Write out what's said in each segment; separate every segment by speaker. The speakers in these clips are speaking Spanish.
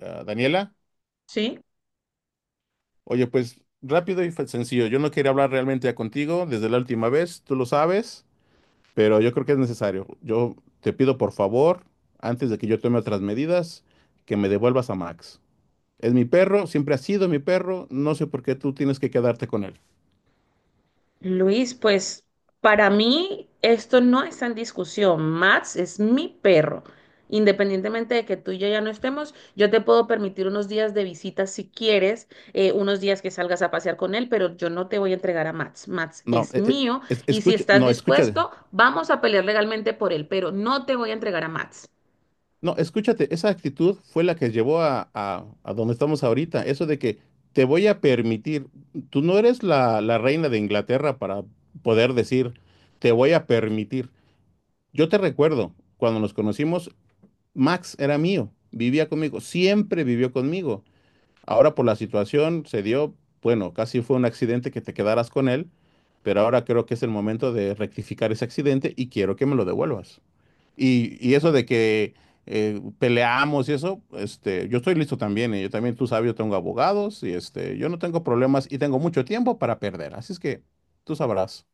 Speaker 1: Ah, Daniela,
Speaker 2: Sí,
Speaker 1: oye, pues rápido y sencillo. Yo no quería hablar realmente ya contigo desde la última vez, tú lo sabes, pero yo creo que es necesario. Yo te pido por favor, antes de que yo tome otras medidas, que me devuelvas a Max. Es mi perro, siempre ha sido mi perro, no sé por qué tú tienes que quedarte con él.
Speaker 2: Luis, pues para mí esto no está en discusión. Max es mi perro. Independientemente de que tú y yo ya no estemos, yo te puedo permitir unos días de visita si quieres, unos días que salgas a pasear con él, pero yo no te voy a entregar a Max. Max
Speaker 1: No,
Speaker 2: es mío, y si
Speaker 1: escucha,
Speaker 2: estás
Speaker 1: no, escucha.
Speaker 2: dispuesto, vamos a pelear legalmente por él, pero no te voy a entregar a Max.
Speaker 1: No, escúchate, esa actitud fue la que llevó a donde estamos ahorita. Eso de que te voy a permitir, tú no eres la reina de Inglaterra para poder decir, te voy a permitir. Yo te recuerdo, cuando nos conocimos, Max era mío, vivía conmigo, siempre vivió conmigo. Ahora por la situación se dio, bueno, casi fue un accidente que te quedaras con él, pero ahora creo que es el momento de rectificar ese accidente y quiero que me lo devuelvas. Y eso de que peleamos y eso, yo estoy listo también. Y yo también, tú sabes, yo tengo abogados y yo no tengo problemas y tengo mucho tiempo para perder. Así es que tú sabrás.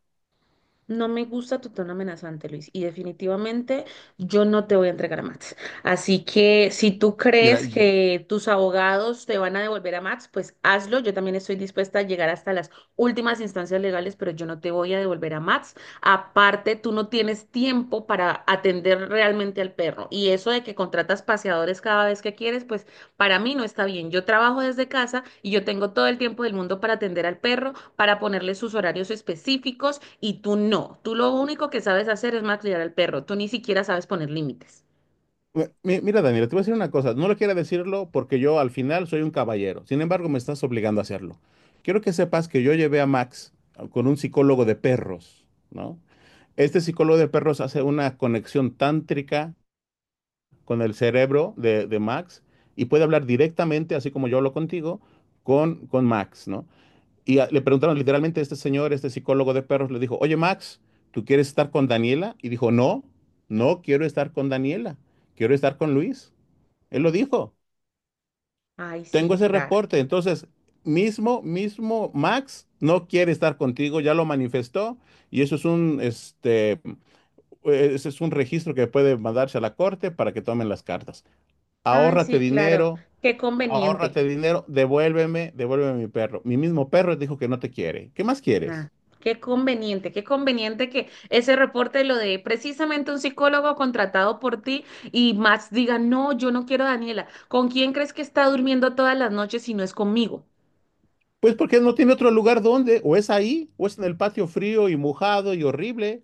Speaker 2: No me gusta tu tono amenazante, Luis, y definitivamente yo no te voy a entregar a Max. Así que si tú
Speaker 1: Mira,
Speaker 2: crees que tus abogados te van a devolver a Max, pues hazlo. Yo también estoy dispuesta a llegar hasta las últimas instancias legales, pero yo no te voy a devolver a Max. Aparte, tú no tienes tiempo para atender realmente al perro. Y eso de que contratas paseadores cada vez que quieres, pues para mí no está bien. Yo trabajo desde casa y yo tengo todo el tiempo del mundo para atender al perro, para ponerle sus horarios específicos, y tú no. Tú lo único que sabes hacer es malcriar al perro. Tú ni siquiera sabes poner límites.
Speaker 1: mi- mira, Daniela, te voy a decir una cosa. No lo quiero decirlo porque yo al final soy un caballero. Sin embargo, me estás obligando a hacerlo. Quiero que sepas que yo llevé a Max con un psicólogo de perros, ¿no? Este psicólogo de perros hace una conexión tántrica con el cerebro de Max y puede hablar directamente, así como yo hablo contigo, con Max, ¿no? Le preguntaron literalmente a este señor, este psicólogo de perros, le dijo, oye Max, ¿tú quieres estar con Daniela? Y dijo, no, no quiero estar con Daniela, quiero estar con Luis. Él lo dijo,
Speaker 2: Ay,
Speaker 1: tengo
Speaker 2: sí,
Speaker 1: ese
Speaker 2: claro.
Speaker 1: reporte, entonces, mismo Max no quiere estar contigo, ya lo manifestó y eso es ese es un registro que puede mandarse a la corte para que tomen las cartas.
Speaker 2: Ay,
Speaker 1: Ahórrate
Speaker 2: sí, claro.
Speaker 1: dinero,
Speaker 2: Qué conveniente.
Speaker 1: ahórrate dinero, devuélveme, devuélveme mi perro. Mi mismo perro dijo que no te quiere. ¿Qué más quieres?
Speaker 2: Ah, qué conveniente que ese reporte lo de precisamente un psicólogo contratado por ti y Max diga, no, yo no quiero a Daniela. ¿Con quién crees que está durmiendo todas las noches si no es conmigo?
Speaker 1: Pues porque no tiene otro lugar donde, o es ahí, o es en el patio frío y mojado y horrible.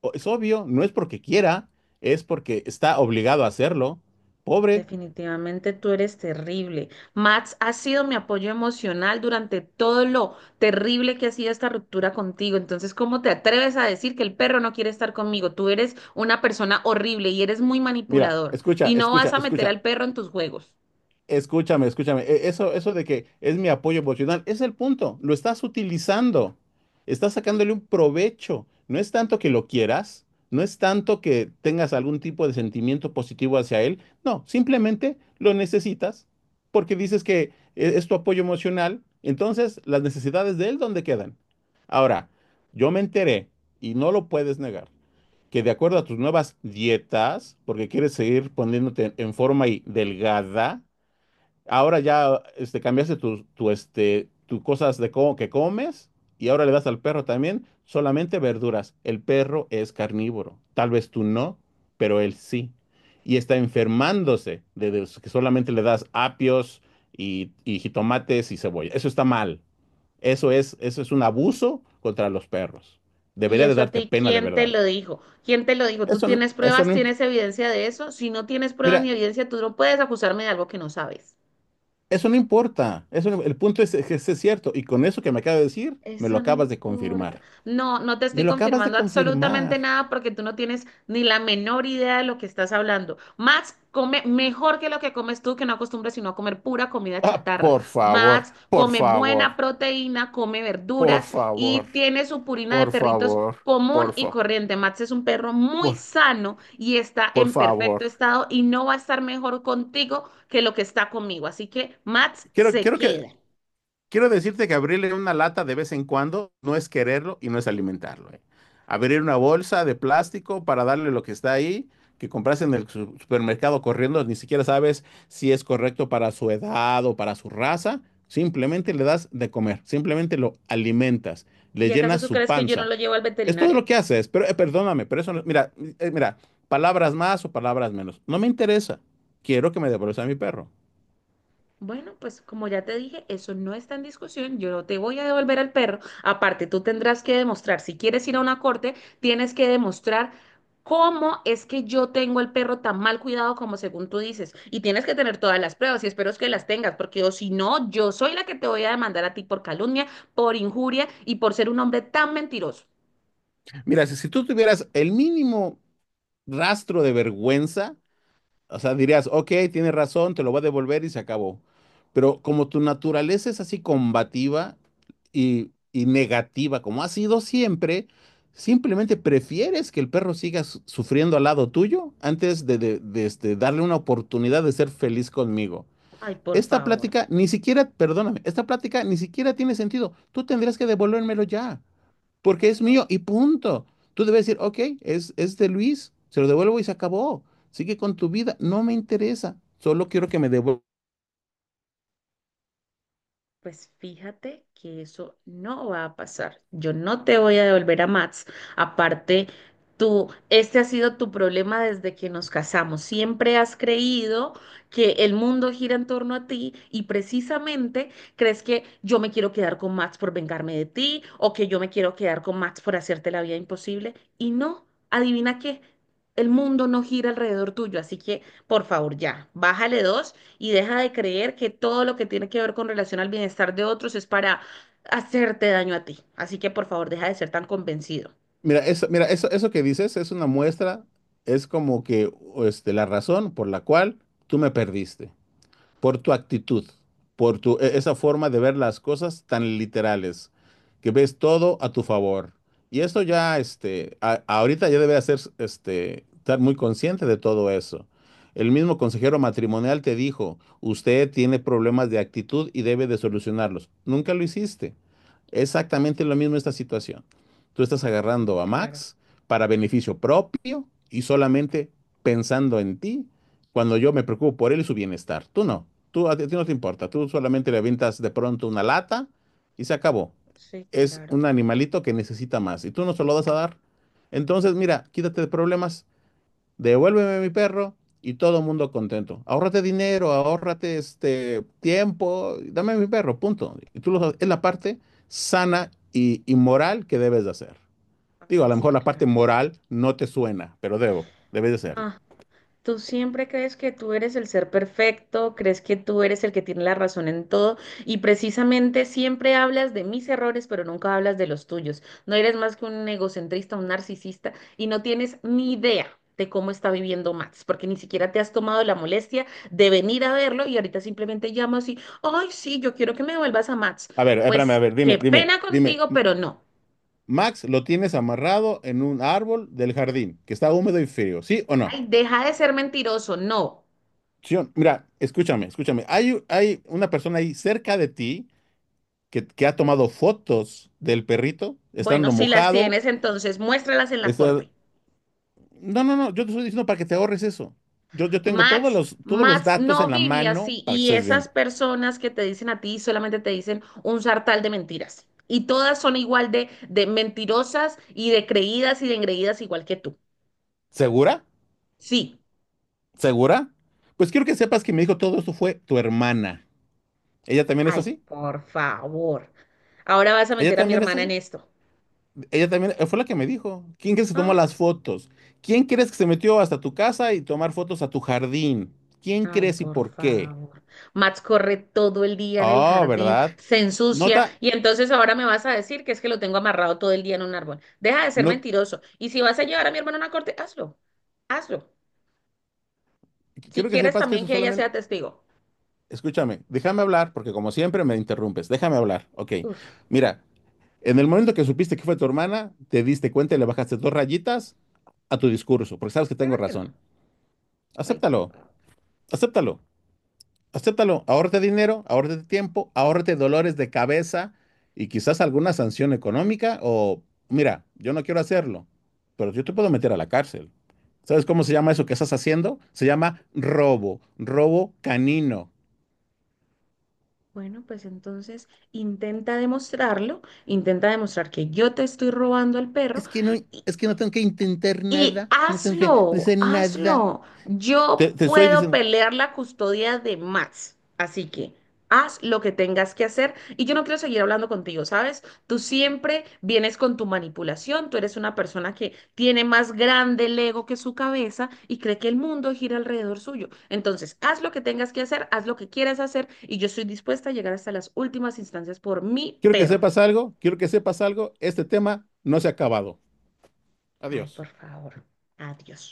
Speaker 1: Es obvio, no es porque quiera, es porque está obligado a hacerlo. Pobre.
Speaker 2: Definitivamente tú eres terrible. Max ha sido mi apoyo emocional durante todo lo terrible que ha sido esta ruptura contigo. Entonces, ¿cómo te atreves a decir que el perro no quiere estar conmigo? Tú eres una persona horrible y eres muy
Speaker 1: Mira,
Speaker 2: manipulador
Speaker 1: escucha,
Speaker 2: y no vas
Speaker 1: escucha,
Speaker 2: a meter
Speaker 1: escucha.
Speaker 2: al perro en tus juegos.
Speaker 1: Escúchame, escúchame. Eso, eso de que es mi apoyo emocional, es el punto. Lo estás utilizando. Estás sacándole un provecho. No es tanto que lo quieras, no es tanto que tengas algún tipo de sentimiento positivo hacia él. No, simplemente lo necesitas porque dices que es tu apoyo emocional. Entonces, las necesidades de él, ¿dónde quedan? Ahora, yo me enteré, y no lo puedes negar, que de acuerdo a tus nuevas dietas, porque quieres seguir poniéndote en forma y delgada, ahora ya cambiaste tu cosas de que comes y ahora le das al perro también solamente verduras. El perro es carnívoro. Tal vez tú no, pero él sí. Y está enfermándose de que solamente le das apios y jitomates y cebolla. Eso está mal. Eso es un abuso contra los perros.
Speaker 2: ¿Y
Speaker 1: Debería de
Speaker 2: eso a
Speaker 1: darte
Speaker 2: ti
Speaker 1: pena de
Speaker 2: quién te
Speaker 1: verdad.
Speaker 2: lo dijo? ¿Quién te lo dijo? ¿Tú tienes
Speaker 1: Eso
Speaker 2: pruebas?
Speaker 1: no... imp-
Speaker 2: ¿Tienes evidencia de eso? Si no tienes pruebas ni
Speaker 1: Mira,
Speaker 2: evidencia, tú no puedes acusarme de algo que no sabes.
Speaker 1: Eso no importa. Eso no El punto es que es cierto. Y con eso que me acabas de decir, me
Speaker 2: Eso
Speaker 1: lo
Speaker 2: no
Speaker 1: acabas de
Speaker 2: importa.
Speaker 1: confirmar.
Speaker 2: No, no te
Speaker 1: Me
Speaker 2: estoy
Speaker 1: lo acabas de
Speaker 2: confirmando
Speaker 1: confirmar.
Speaker 2: absolutamente nada porque tú no tienes ni la menor idea de lo que estás hablando. Max come mejor que lo que comes tú, que no acostumbras sino a comer pura comida
Speaker 1: Ah,
Speaker 2: chatarra.
Speaker 1: por favor,
Speaker 2: Max
Speaker 1: por
Speaker 2: come buena
Speaker 1: favor,
Speaker 2: proteína, come
Speaker 1: por
Speaker 2: verduras y
Speaker 1: favor,
Speaker 2: tiene su purina de
Speaker 1: por
Speaker 2: perritos
Speaker 1: favor,
Speaker 2: común
Speaker 1: por
Speaker 2: y
Speaker 1: favor,
Speaker 2: corriente. Max es un perro muy
Speaker 1: por,
Speaker 2: sano y está
Speaker 1: por
Speaker 2: en
Speaker 1: favor.
Speaker 2: perfecto estado y no va a estar mejor contigo que lo que está conmigo. Así que Max
Speaker 1: Quiero,
Speaker 2: se
Speaker 1: quiero que,
Speaker 2: queda.
Speaker 1: Quiero decirte que abrirle una lata de vez en cuando no es quererlo y no es alimentarlo, ¿eh? Abrir una bolsa de plástico para darle lo que está ahí, que compras en el supermercado corriendo, ni siquiera sabes si es correcto para su edad o para su raza. Simplemente le das de comer, simplemente lo alimentas, le
Speaker 2: ¿Y acaso
Speaker 1: llenas
Speaker 2: tú
Speaker 1: su
Speaker 2: crees que yo no
Speaker 1: panza.
Speaker 2: lo llevo al
Speaker 1: Es todo
Speaker 2: veterinario?
Speaker 1: lo que haces, pero perdóname, pero eso no- mira, mira, palabras más o palabras menos. No me interesa. Quiero que me devuelvas a mi perro.
Speaker 2: Bueno, pues como ya te dije, eso no está en discusión. Yo no te voy a devolver al perro. Aparte, tú tendrás que demostrar, si quieres ir a una corte, tienes que demostrar cómo es que yo tengo el perro tan mal cuidado como según tú dices. Y tienes que tener todas las pruebas y espero es que las tengas, porque o si no, yo soy la que te voy a demandar a ti por calumnia, por injuria y por ser un hombre tan mentiroso.
Speaker 1: Mira, si tú tuvieras el mínimo rastro de vergüenza, o sea, dirías, ok, tienes razón, te lo voy a devolver y se acabó. Pero como tu naturaleza es así combativa y negativa, como ha sido siempre, simplemente prefieres que el perro siga sufriendo al lado tuyo antes darle una oportunidad de ser feliz conmigo.
Speaker 2: Ay, por
Speaker 1: Esta
Speaker 2: favor.
Speaker 1: plática ni siquiera, perdóname, esta plática ni siquiera tiene sentido. Tú tendrías que devolvérmelo ya porque es mío y punto. Tú debes decir, ok, es de Luis, se lo devuelvo y se acabó. Sigue con tu vida, no me interesa, solo quiero que me devuelva.
Speaker 2: Pues fíjate que eso no va a pasar. Yo no te voy a devolver a Mats. Aparte, tú, este ha sido tu problema desde que nos casamos. Siempre has creído que el mundo gira en torno a ti y precisamente crees que yo me quiero quedar con Mats por vengarme de ti o que yo me quiero quedar con Mats por hacerte la vida imposible. Y no, adivina qué, el mundo no gira alrededor tuyo. Así que, por favor, ya, bájale dos y deja de creer que todo lo que tiene que ver con relación al bienestar de otros es para hacerte daño a ti. Así que por favor, deja de ser tan convencido.
Speaker 1: Mira, eso que dices es una muestra, es como que la razón por la cual tú me perdiste, por tu actitud, esa forma de ver las cosas tan literales, que ves todo a tu favor. Y esto ya, ahorita ya debe hacer, estar muy consciente de todo eso. El mismo consejero matrimonial te dijo, usted tiene problemas de actitud y debe de solucionarlos. Nunca lo hiciste. Exactamente lo mismo esta situación. Tú estás
Speaker 2: Sí,
Speaker 1: agarrando a
Speaker 2: claro,
Speaker 1: Max para beneficio propio y solamente pensando en ti cuando yo me preocupo por él y su bienestar. Tú no, tú a ti no te importa, tú solamente le avientas de pronto una lata y se acabó.
Speaker 2: sí,
Speaker 1: Es
Speaker 2: claro.
Speaker 1: un animalito que necesita más y tú no se lo vas a dar. Entonces, mira, quítate de problemas, devuélveme mi perro y todo el mundo contento. Ahórrate dinero, ahórrate este tiempo, dame mi perro, punto. Y es la parte sana y moral que debes de hacer. Digo,
Speaker 2: Ay,
Speaker 1: a lo
Speaker 2: sí,
Speaker 1: mejor la parte
Speaker 2: claro.
Speaker 1: moral no te suena, pero debes de hacerlo.
Speaker 2: Ah, tú siempre crees que tú eres el ser perfecto, crees que tú eres el que tiene la razón en todo y precisamente siempre hablas de mis errores, pero nunca hablas de los tuyos. No eres más que un egocentrista, un narcisista y no tienes ni idea de cómo está viviendo Max, porque ni siquiera te has tomado la molestia de venir a verlo y ahorita simplemente llamas y, ay, sí, yo quiero que me vuelvas a Max.
Speaker 1: A ver, espérame, a
Speaker 2: Pues
Speaker 1: ver, dime,
Speaker 2: qué
Speaker 1: dime,
Speaker 2: pena
Speaker 1: dime.
Speaker 2: contigo, pero no.
Speaker 1: Max lo tienes amarrado en un árbol del jardín, que está húmedo y frío, ¿sí o no?
Speaker 2: Ay, deja de ser mentiroso, no.
Speaker 1: Mira, escúchame, escúchame. Hay una persona ahí cerca de ti que ha tomado fotos del perrito,
Speaker 2: Bueno,
Speaker 1: estando
Speaker 2: si las
Speaker 1: mojado.
Speaker 2: tienes, entonces muéstralas en la
Speaker 1: está-
Speaker 2: corte.
Speaker 1: No, no, no, yo te estoy diciendo para que te ahorres eso. Yo tengo
Speaker 2: Max,
Speaker 1: todos los
Speaker 2: Max
Speaker 1: datos
Speaker 2: no
Speaker 1: en la
Speaker 2: vive
Speaker 1: mano
Speaker 2: así.
Speaker 1: para que
Speaker 2: Y
Speaker 1: estés
Speaker 2: esas
Speaker 1: bien.
Speaker 2: personas que te dicen a ti solamente te dicen un sartal de mentiras. Y todas son igual de mentirosas y de creídas y de engreídas igual que tú.
Speaker 1: ¿Segura?
Speaker 2: Sí.
Speaker 1: ¿Segura? Pues quiero que sepas que me dijo todo esto fue tu hermana. ¿Ella también es
Speaker 2: Ay,
Speaker 1: así?
Speaker 2: por favor. Ahora vas a
Speaker 1: ¿Ella
Speaker 2: meter a mi
Speaker 1: también es
Speaker 2: hermana en
Speaker 1: así?
Speaker 2: esto.
Speaker 1: Ella también fue la que me dijo. ¿Quién crees que tomó
Speaker 2: Ah.
Speaker 1: las fotos? ¿Quién crees que se metió hasta tu casa y tomar fotos a tu jardín? ¿Quién
Speaker 2: Ay,
Speaker 1: crees y
Speaker 2: por
Speaker 1: por qué?
Speaker 2: favor. Max corre todo el día en el
Speaker 1: Oh,
Speaker 2: jardín,
Speaker 1: ¿verdad?
Speaker 2: se ensucia
Speaker 1: Nota,
Speaker 2: y entonces ahora me vas a decir que es que lo tengo amarrado todo el día en un árbol. Deja de ser
Speaker 1: no,
Speaker 2: mentiroso. Y si vas a llevar a mi hermano a una corte, hazlo. Hazlo. Si
Speaker 1: quiero que
Speaker 2: quieres
Speaker 1: sepas que
Speaker 2: también
Speaker 1: eso
Speaker 2: que ella
Speaker 1: solamente,
Speaker 2: sea testigo.
Speaker 1: escúchame, déjame hablar, porque como siempre me interrumpes, déjame hablar, ok.
Speaker 2: Uf,
Speaker 1: Mira, en el momento que supiste que fue tu hermana, te diste cuenta y le bajaste dos rayitas a tu discurso, porque sabes que tengo
Speaker 2: claro que no.
Speaker 1: razón.
Speaker 2: Ay, por
Speaker 1: Acéptalo,
Speaker 2: favor.
Speaker 1: acéptalo. Acéptalo, ahórrate dinero, ahórrate tiempo, ahórrate dolores de cabeza y quizás alguna sanción económica o, mira, yo no quiero hacerlo, pero yo te puedo meter a la cárcel. ¿Sabes cómo se llama eso que estás haciendo? Se llama robo, robo canino.
Speaker 2: Bueno, pues entonces intenta demostrarlo, intenta demostrar que yo te estoy robando al perro.
Speaker 1: Es que no tengo que intentar
Speaker 2: Y
Speaker 1: nada, no tengo que
Speaker 2: hazlo,
Speaker 1: hacer nada.
Speaker 2: hazlo. Yo
Speaker 1: Te estoy
Speaker 2: puedo
Speaker 1: diciendo,
Speaker 2: pelear la custodia de Max. Así que haz lo que tengas que hacer. Y yo no quiero seguir hablando contigo, ¿sabes? Tú siempre vienes con tu manipulación. Tú eres una persona que tiene más grande el ego que su cabeza y cree que el mundo gira alrededor suyo. Entonces, haz lo que tengas que hacer, haz lo que quieras hacer. Y yo estoy dispuesta a llegar hasta las últimas instancias por mi
Speaker 1: quiero que
Speaker 2: perro.
Speaker 1: sepas algo, quiero que sepas algo, este tema no se ha acabado.
Speaker 2: Ay,
Speaker 1: Adiós.
Speaker 2: por favor. Adiós.